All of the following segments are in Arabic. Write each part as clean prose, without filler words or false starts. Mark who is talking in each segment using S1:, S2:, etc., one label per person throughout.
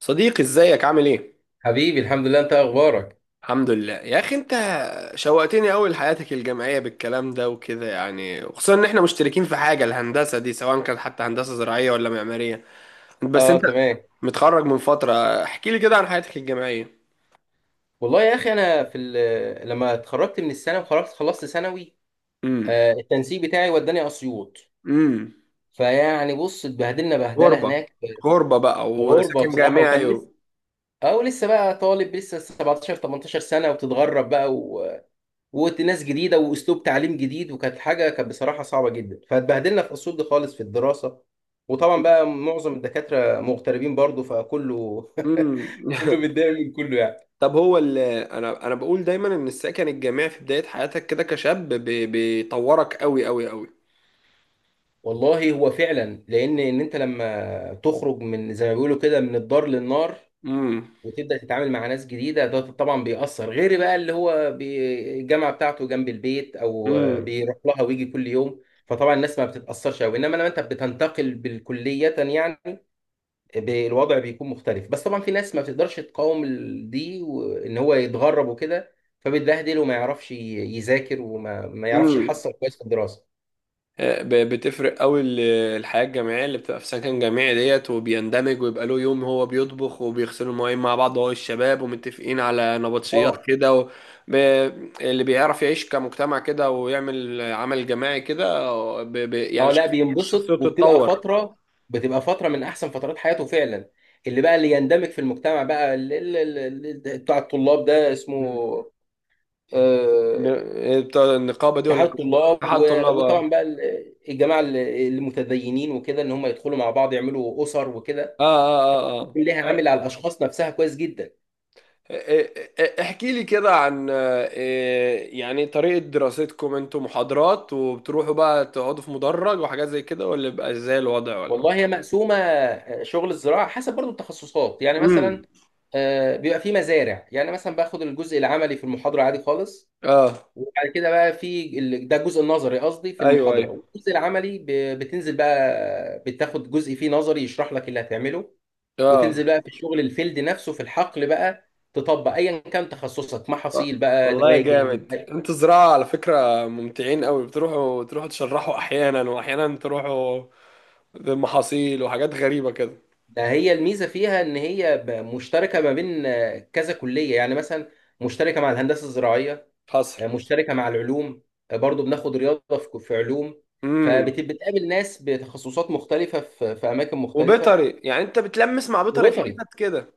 S1: صديقي، ازيك؟ عامل ايه؟
S2: حبيبي، الحمد لله. انت اخبارك؟
S1: الحمد لله يا اخي. انت شوقتني قوي لحياتك الجامعيه بالكلام ده وكده، يعني، وخصوصا ان احنا مشتركين في حاجه الهندسه دي، سواء كانت حتى هندسه زراعيه ولا معماريه. بس
S2: اه،
S1: انت
S2: تمام.
S1: متخرج من فتره. احكي لي كده عن حياتك الجامعيه.
S2: والله يا اخي، انا لما اتخرجت من الثانوي وخلصت خلصت ثانوي،
S1: امم.
S2: التنسيق بتاعي وداني اسيوط.
S1: امم.
S2: فيعني بص، اتبهدلنا بهدله
S1: غربه،
S2: هناك في
S1: غربه بقى،
S2: غربه
S1: وسكن
S2: بصراحه.
S1: جامعي
S2: وكان لسه،
S1: و.
S2: او لسه بقى طالب، لسه 17 18 سنه وبتتغرب بقى وناس جديده واسلوب تعليم جديد، وكانت حاجه كانت بصراحه صعبه جدا. فاتبهدلنا في اسيوط دي خالص في الدراسه. وطبعا بقى معظم الدكاتره مغتربين برضو، فكله
S1: امم.
S2: كله متضايق من كله يعني.
S1: طب، انا بقول دايما ان السكن الجامعي في بدايه حياتك كده كشاب، بيطورك قوي قوي قوي.
S2: والله، هو فعلا، لان انت لما تخرج، من زي ما بيقولوا كده، من الدار للنار،
S1: امم.
S2: وتبدا تتعامل مع ناس جديده، ده طبعا بيأثر. غير بقى اللي هو الجامعه بتاعته جنب البيت، او بيروح لها ويجي كل يوم، فطبعا الناس ما بتتأثرش قوي. انما لما انت بتنتقل بالكليه يعني، الوضع بيكون مختلف. بس طبعا في ناس ما بتقدرش تقاوم دي، وان هو يتغرب وكده، فبيتبهدل وما يعرفش يذاكر، وما ما يعرفش
S1: امم.
S2: يحصل كويس في الدراسه.
S1: بتفرق قوي، الحياة الجامعية اللي بتبقى في سكن جامعي ديت، وبيندمج ويبقى له يوم هو بيطبخ وبيغسلوا المواعين مع بعض، هو الشباب، ومتفقين على نبطشيات
S2: اه،
S1: كده، و. ب... اللي بيعرف يعيش كمجتمع كده ويعمل عمل جماعي كده، يعني
S2: اه، لا، بينبسط.
S1: شخصيته
S2: وبتبقى
S1: بتتطور.
S2: فتره من احسن فترات حياته فعلا. اللي بقى اللي يندمج في المجتمع بقى، اللي بتاع الطلاب ده اسمه
S1: مم.
S2: آه،
S1: بتاع النقابة دي، ولا
S2: اتحاد
S1: كان اسمها
S2: الطلاب.
S1: اتحاد طلاب،
S2: وطبعا
S1: اه؟
S2: بقى الجماعه المتدينين وكده، ان هم يدخلوا مع بعض يعملوا اسر وكده،
S1: اه، اه،
S2: ليها
S1: آه.
S2: عامل على الاشخاص نفسها كويس جدا.
S1: احكي لي كده عن إيه، يعني طريقة دراستكم؟ انتوا محاضرات، وبتروحوا بقى تقعدوا في مدرج وحاجات زي كده، ولا بيبقى ازاي الوضع، ولا؟
S2: والله، هي مقسومه. شغل الزراعه حسب برضو التخصصات. يعني مثلا
S1: امم.
S2: بيبقى في مزارع، يعني مثلا باخد الجزء العملي في المحاضره عادي خالص.
S1: اه.
S2: وبعد كده بقى في ده الجزء النظري، قصدي في
S1: ايوه،
S2: المحاضرة.
S1: ايوه.
S2: والجزء العملي بتنزل بقى، بتاخد جزء فيه نظري يشرح لك اللي هتعمله، وتنزل
S1: اه.
S2: بقى في الشغل الفيلد نفسه في الحقل، بقى تطبق ايا كان تخصصك، محاصيل بقى،
S1: والله يا
S2: دواجن.
S1: جامد، انتوا زراعة على فكرة ممتعين قوي، بتروحوا تشرحوا احيانا، واحيانا تروحوا بمحاصيل وحاجات غريبة كده.
S2: ده هي الميزة فيها ان هي مشتركة ما بين كذا كلية. يعني مثلا مشتركة مع الهندسة الزراعية،
S1: حصل.
S2: مشتركة مع العلوم، برضو بناخد رياضة في علوم.
S1: امم.
S2: فبتقابل ناس بتخصصات مختلفة في أماكن مختلفة.
S1: وبيطري، يعني انت بتلمس مع بيطري في
S2: وبيطري،
S1: حتت كده.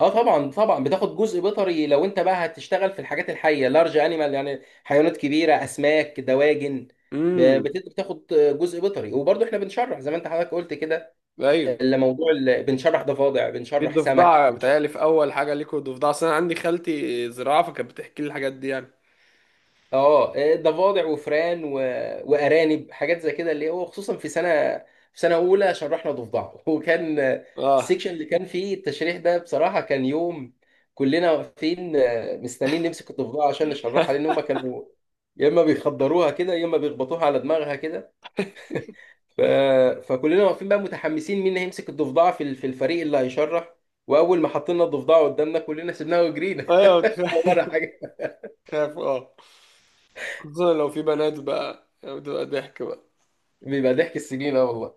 S2: اه، طبعا طبعا بتاخد جزء بيطري لو انت بقى هتشتغل في الحاجات الحيه، لارج انيمال، يعني حيوانات كبيره، اسماك، دواجن.
S1: امم.
S2: بتاخد جزء بيطري. وبرضه احنا بنشرح، زي ما انت حضرتك قلت كده،
S1: ايوه.
S2: اللي موضوع بنشرح ضفادع،
S1: في
S2: بنشرح سمك،
S1: ضفدع،
S2: بنشرح
S1: بتهيألي في أول حاجة ليكوا ضفدع، أصل أنا عندي خالتي زراعة فكانت بتحكي لي الحاجات دي يعني.
S2: اه ضفادع وفئران وارانب، حاجات زي كده، اللي هو خصوصا في سنه اولى شرحنا ضفدع وكان
S1: اه.
S2: السكشن اللي كان فيه التشريح ده، بصراحه، كان يوم. كلنا واقفين مستنيين نمسك الضفدع عشان نشرحها، لان هم كانوا يا اما بيخدروها كده، يا اما بيخبطوها على دماغها كده. ف... فكلنا واقفين بقى متحمسين، مين هيمسك الضفدع في في الفريق اللي هيشرح. واول ما حطينا الضفدع قدامنا، كلنا سيبناها وجرينا
S1: أيوه، كفاية.
S2: ولا حاجه.
S1: خاف، اه. خصوصا لو في بنات بقى يعني، بتبقى ضحك بقى.
S2: بيبقى ضحك السنين، اه والله.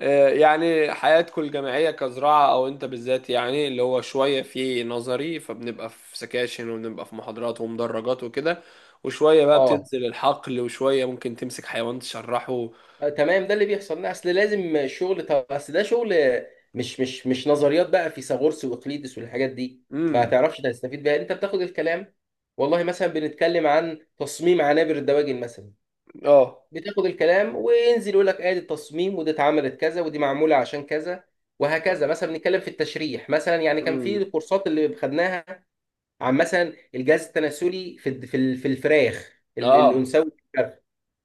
S1: يعني حياتكم الجامعية كزراعة، أو أنت بالذات يعني، اللي هو شوية في نظري فبنبقى في سكاشن، وبنبقى في محاضرات ومدرجات وكده، وشوية بقى
S2: اه،
S1: بتنزل الحقل، وشوية ممكن تمسك حيوان تشرحه.
S2: تمام، ده اللي بيحصل. لا، اصل لازم الشغل، طب اصل ده شغل، مش نظريات بقى فيثاغورس واقليدس والحاجات دي ما
S1: امم.
S2: تعرفش تستفيد بيها. انت بتاخد الكلام، والله مثلا بنتكلم عن تصميم عنابر الدواجن مثلا،
S1: اه.
S2: بتاخد الكلام وينزل يقول لك ادي التصميم، ودي اتعملت كذا، ودي معموله عشان كذا. وهكذا مثلا بنتكلم في التشريح مثلا، يعني كان في
S1: امم.
S2: الكورسات اللي خدناها عن مثلا الجهاز التناسلي في الفراخ
S1: اه.
S2: الانثوي.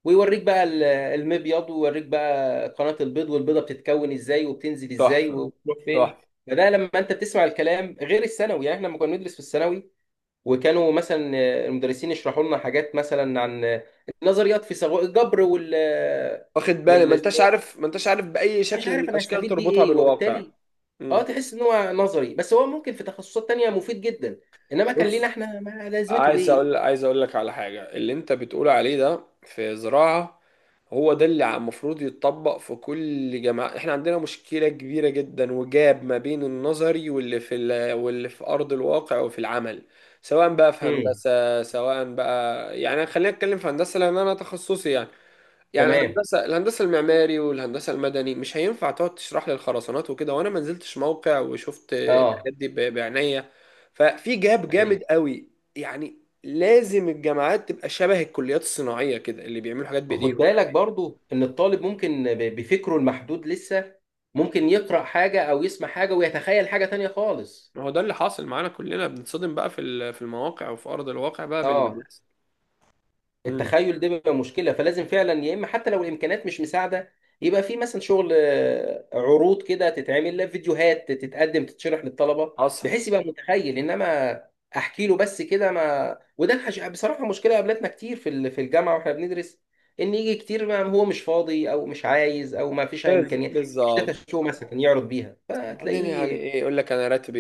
S2: ويوريك بقى المبيض، ويوريك بقى قناة البيض، والبيضة بتتكون ازاي، وبتنزل ازاي،
S1: تحفة،
S2: وبتروح فين.
S1: تحفة.
S2: فده لما انت بتسمع الكلام غير الثانوي. يعني احنا لما كنا ندرس في الثانوي، وكانوا مثلا المدرسين يشرحوا لنا حاجات مثلا عن نظريات في الجبر وال آه،
S1: واخد بالي، ما
S2: وال
S1: انتش عارف، ما انتش عارف باي
S2: انا مش
S1: شكل من
S2: عارف انا
S1: الاشكال
S2: هستفيد بيه
S1: تربطها
S2: ايه،
S1: بالواقع.
S2: وبالتالي اه
S1: مم.
S2: تحس ان هو نظري، بس هو ممكن في تخصصات تانية مفيد جدا. انما كان لينا
S1: بص،
S2: احنا، ما لازمته ايه؟
S1: عايز اقول لك على حاجه. اللي انت بتقول عليه ده في زراعه، هو ده اللي المفروض يتطبق في كل جامعه. احنا عندنا مشكله كبيره جدا، وجاب ما بين النظري واللي في ارض الواقع وفي العمل، سواء بقى في
S2: امم،
S1: هندسه، سواء بقى يعني، خلينا نتكلم في هندسه لان انا تخصصي، يعني
S2: تمام،
S1: الهندسه، المعماري والهندسه المدني مش هينفع تقعد تشرح لي الخرسانات وكده وانا ما نزلتش موقع وشفت
S2: اه،
S1: الحاجات دي بعناية. ففي جاب
S2: أيوه.
S1: جامد قوي يعني. لازم الجامعات تبقى شبه الكليات الصناعيه كده، اللي بيعملوا حاجات
S2: خد
S1: بايديهم.
S2: بالك برضو ان الطالب ممكن بفكره المحدود لسه، ممكن يقرأ حاجة او يسمع حاجة ويتخيل حاجة تانية خالص.
S1: ما هو ده اللي حاصل معانا، كلنا بنتصدم بقى في المواقع وفي ارض الواقع بقى باللي
S2: اه،
S1: بيحصل. امم.
S2: التخيل ده بيبقى مشكله. فلازم فعلا، يا اما حتى لو الامكانيات مش مساعده، يبقى في مثلا شغل عروض كده تتعمل، لا، فيديوهات تتقدم تتشرح للطلبه
S1: حصل.
S2: بحيث يبقى متخيل. انما احكي له بس كده ما، وده بصراحه مشكله قابلتنا كتير في الجامعه واحنا بندرس، ان يجي كتير ما هو مش فاضي او مش عايز او ما فيش امكانيات، مش داتا
S1: بالظبط.
S2: شو مثلا يعرض بيها،
S1: بعدين يعني
S2: فتلاقيه
S1: ايه؟ يقول لك انا راتبي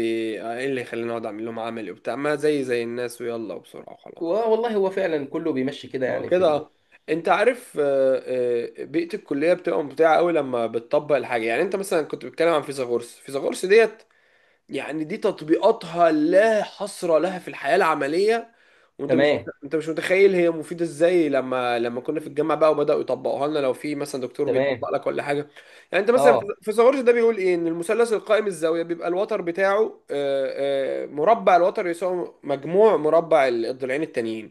S1: ايه اللي يخليني اقعد اعمل لهم عملي وبتاع، ما زي الناس، ويلا وبسرعه وخلاص.
S2: و- والله هو فعلا كله بيمشي كده،
S1: ما هو
S2: يعني
S1: كده، اه. انت عارف، بيئة الكلية بتبقى ممتعة قوي لما بتطبق الحاجة، يعني انت مثلا كنت بتتكلم عن فيثاغورس، فيثاغورس ديت، يعني دي تطبيقاتها لا حصر لها في الحياة العملية. وانت مش
S2: تمام،
S1: انت مش متخيل هي مفيدة ازاي، لما كنا في الجامعة بقى وبدأوا يطبقوها لنا، لو في مثلا دكتور
S2: تمام،
S1: بيطبق لك ولا حاجة. يعني انت مثلا في
S2: اه،
S1: فيثاغورس ده بيقول ايه؟ ان المثلث القائم الزاوية بيبقى الوتر بتاعه مربع الوتر يساوي مجموع مربع الضلعين التانيين.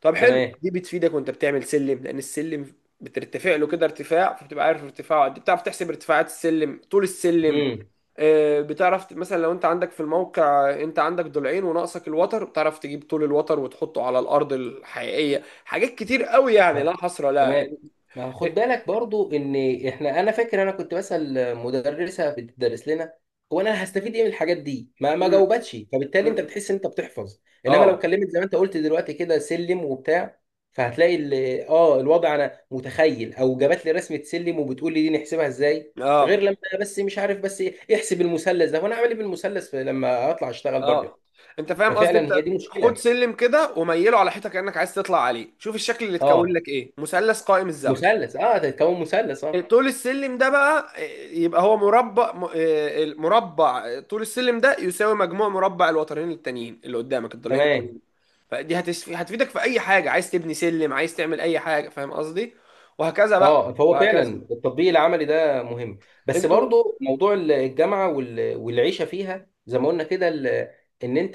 S1: طب حلو،
S2: تمام،
S1: دي بتفيدك وانت بتعمل سلم، لان السلم بترتفع له كده ارتفاع، فبتبقى عارف ارتفاعه قد ايه، بتعرف تحسب ارتفاعات السلم، طول السلم.
S2: امم،
S1: بتعرف مثلا لو انت عندك في الموقع، انت عندك ضلعين وناقصك الوتر، بتعرف تجيب طول الوتر وتحطه على الارض الحقيقيه. حاجات كتير قوي يعني، لا حصر لا.
S2: تمام. ما خد بالك برضو ان انا فاكر انا كنت بسأل مدرسة بتدرس لنا هو انا هستفيد ايه من الحاجات دي، ما جاوبتش. فبالتالي انت بتحس ان انت بتحفظ. انما لو
S1: اه.
S2: كلمت زي ما انت قلت دلوقتي كده سلم وبتاع، فهتلاقي الوضع انا متخيل، او جابت لي رسمة سلم وبتقول لي دي نحسبها ازاي،
S1: اه.
S2: غير لما أنا بس مش عارف بس ايه، احسب المثلث ده وانا اعمل ايه بالمثلث لما اطلع اشتغل بره.
S1: اه، انت فاهم قصدي، انت.
S2: ففعلا هي دي
S1: خد
S2: مشكلة.
S1: سلم كده وميله على حيطه كانك عايز تطلع عليه، شوف الشكل اللي اتكون
S2: اه،
S1: لك ايه. مثلث قائم الزاويه.
S2: مثلث، اه، تتكون مثلث، اه،
S1: طول السلم ده بقى، يبقى هو مربع م- آه، المربع، طول السلم ده يساوي مجموع مربع الوترين التانيين اللي قدامك، الضلعين
S2: تمام.
S1: التانيين. فدي هتفيدك في اي حاجه، عايز تبني سلم، عايز تعمل اي حاجه، فاهم قصدي؟ وهكذا بقى.
S2: اه، فهو فعلا
S1: وهكذا.
S2: التطبيق العملي ده مهم. بس
S1: انتوا
S2: برضو موضوع الجامعه والعيشه فيها زي ما قلنا كده، ان انت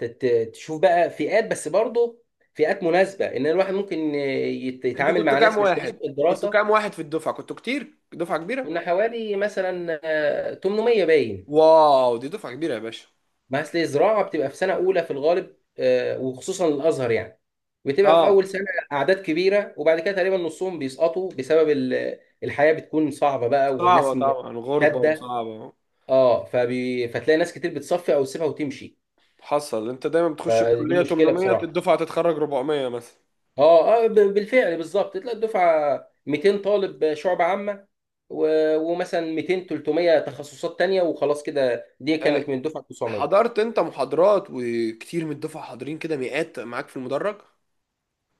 S2: تشوف بقى فئات، بس برضو فئات مناسبه، ان الواحد ممكن
S1: انتوا
S2: يتعامل
S1: كنتوا
S2: مع
S1: كام
S2: ناس مش كويسه
S1: واحد؟
S2: في
S1: كنتوا
S2: الدراسه.
S1: كام واحد في الدفعه؟ كنتوا كتير، دفعه كبيره.
S2: كنا حوالي مثلا 800 باين.
S1: واو، دي دفعه كبيره يا باشا.
S2: ما اصل الزراعه بتبقى في سنه اولى في الغالب، وخصوصا الازهر يعني، بتبقى في اول
S1: اه،
S2: سنه اعداد كبيره. وبعد كده تقريبا نصهم بيسقطوا بسبب الحياه بتكون صعبه بقى،
S1: صعبه
S2: والناس
S1: طبعا، غربه
S2: شاده.
S1: وصعبه.
S2: اه، فتلاقي ناس كتير بتصفي او تسيبها وتمشي.
S1: حصل. انت دايما بتخش
S2: فدي
S1: الكليه
S2: مشكله
S1: 800،
S2: بصراحه.
S1: الدفعه تتخرج 400 مثلا.
S2: اه، اه، بالفعل، بالظبط. تلاقي الدفعه 200 طالب شعب عامه، و... ومثلا 200 300 تخصصات تانية، وخلاص كده. دي كانت من الدفعه 900.
S1: حضرت انت محاضرات وكتير من الدفعه حاضرين كده، مئات معاك في المدرج.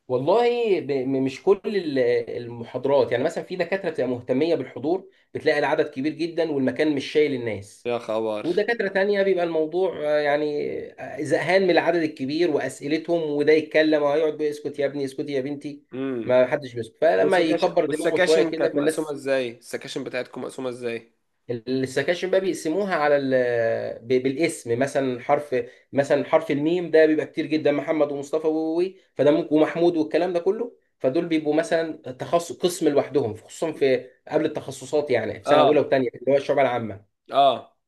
S2: والله، مش كل المحاضرات، يعني مثلا في دكاترة بتبقى مهتمية بالحضور بتلاقي العدد كبير جدا والمكان مش شايل الناس.
S1: يا خبر.
S2: ودكاترة تانية بيبقى الموضوع يعني زهقان من العدد الكبير وأسئلتهم، وده يتكلم وهيقعد بيقول اسكت يا ابني، اسكت يا بنتي،
S1: امم.
S2: ما حدش بيسكت، فلما
S1: والسكاشن
S2: يكبر دماغه شوية
S1: والسكاشن
S2: كده
S1: كانت مقسومه
S2: فالناس.
S1: ازاي؟ السكاشن بتاعتكم مقسومه ازاي؟
S2: السكاشن بقى بيقسموها على بالاسم، مثلا حرف، مثلا حرف الميم ده بيبقى كتير جدا، محمد ومصطفى فده ممكن، ومحمود، والكلام ده كله، فدول بيبقوا مثلا تخصص قسم لوحدهم خصوصا في قبل التخصصات، يعني في سنه اولى
S1: اه.
S2: وثانيه اللي هو الشعب العامه.
S1: اه.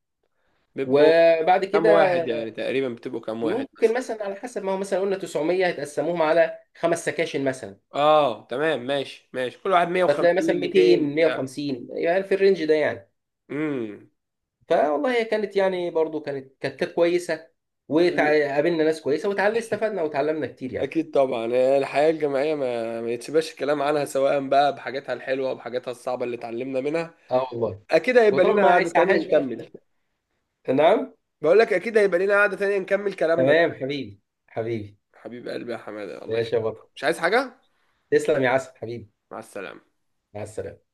S1: بيبقوا
S2: وبعد
S1: كام
S2: كده
S1: واحد يعني تقريبا، بتبقوا كام واحد
S2: ممكن
S1: مثلا؟
S2: مثلا، على حسب، ما هو مثلا قلنا 900، هتقسموهم على خمس سكاشن مثلا.
S1: اه، تمام، ماشي، ماشي، كل واحد
S2: فتلاقي مثلا
S1: 150، 200
S2: 200
S1: بتاع.
S2: 150، يعني في الرينج ده يعني.
S1: امم.
S2: فوالله، هي كانت يعني، برضو كانت كويسه.
S1: ال-
S2: وقابلنا ناس كويسه، استفدنا وتعلمنا كتير يعني.
S1: اكيد طبعا. الحياه الجامعيه ما يتسبش الكلام عنها، سواء بقى بحاجاتها الحلوه وبحاجاتها الصعبه اللي اتعلمنا منها.
S2: اه والله.
S1: اكيد هيبقى
S2: وطبعا
S1: لنا
S2: ما
S1: قعده تانية
S2: يسعهاش بقى.
S1: نكمل.
S2: نعم.
S1: بقول لك اكيد هيبقى لينا قعدة تانية نكمل كلامنا
S2: تمام،
S1: ده.
S2: حبيبي. حبيبي.
S1: حبيب قلبي يا حمادة، الله
S2: ماشي يا
S1: يخليك،
S2: بطل.
S1: مش عايز حاجة.
S2: تسلم يا عسل، حبيبي.
S1: مع السلامة.
S2: مع السلامه.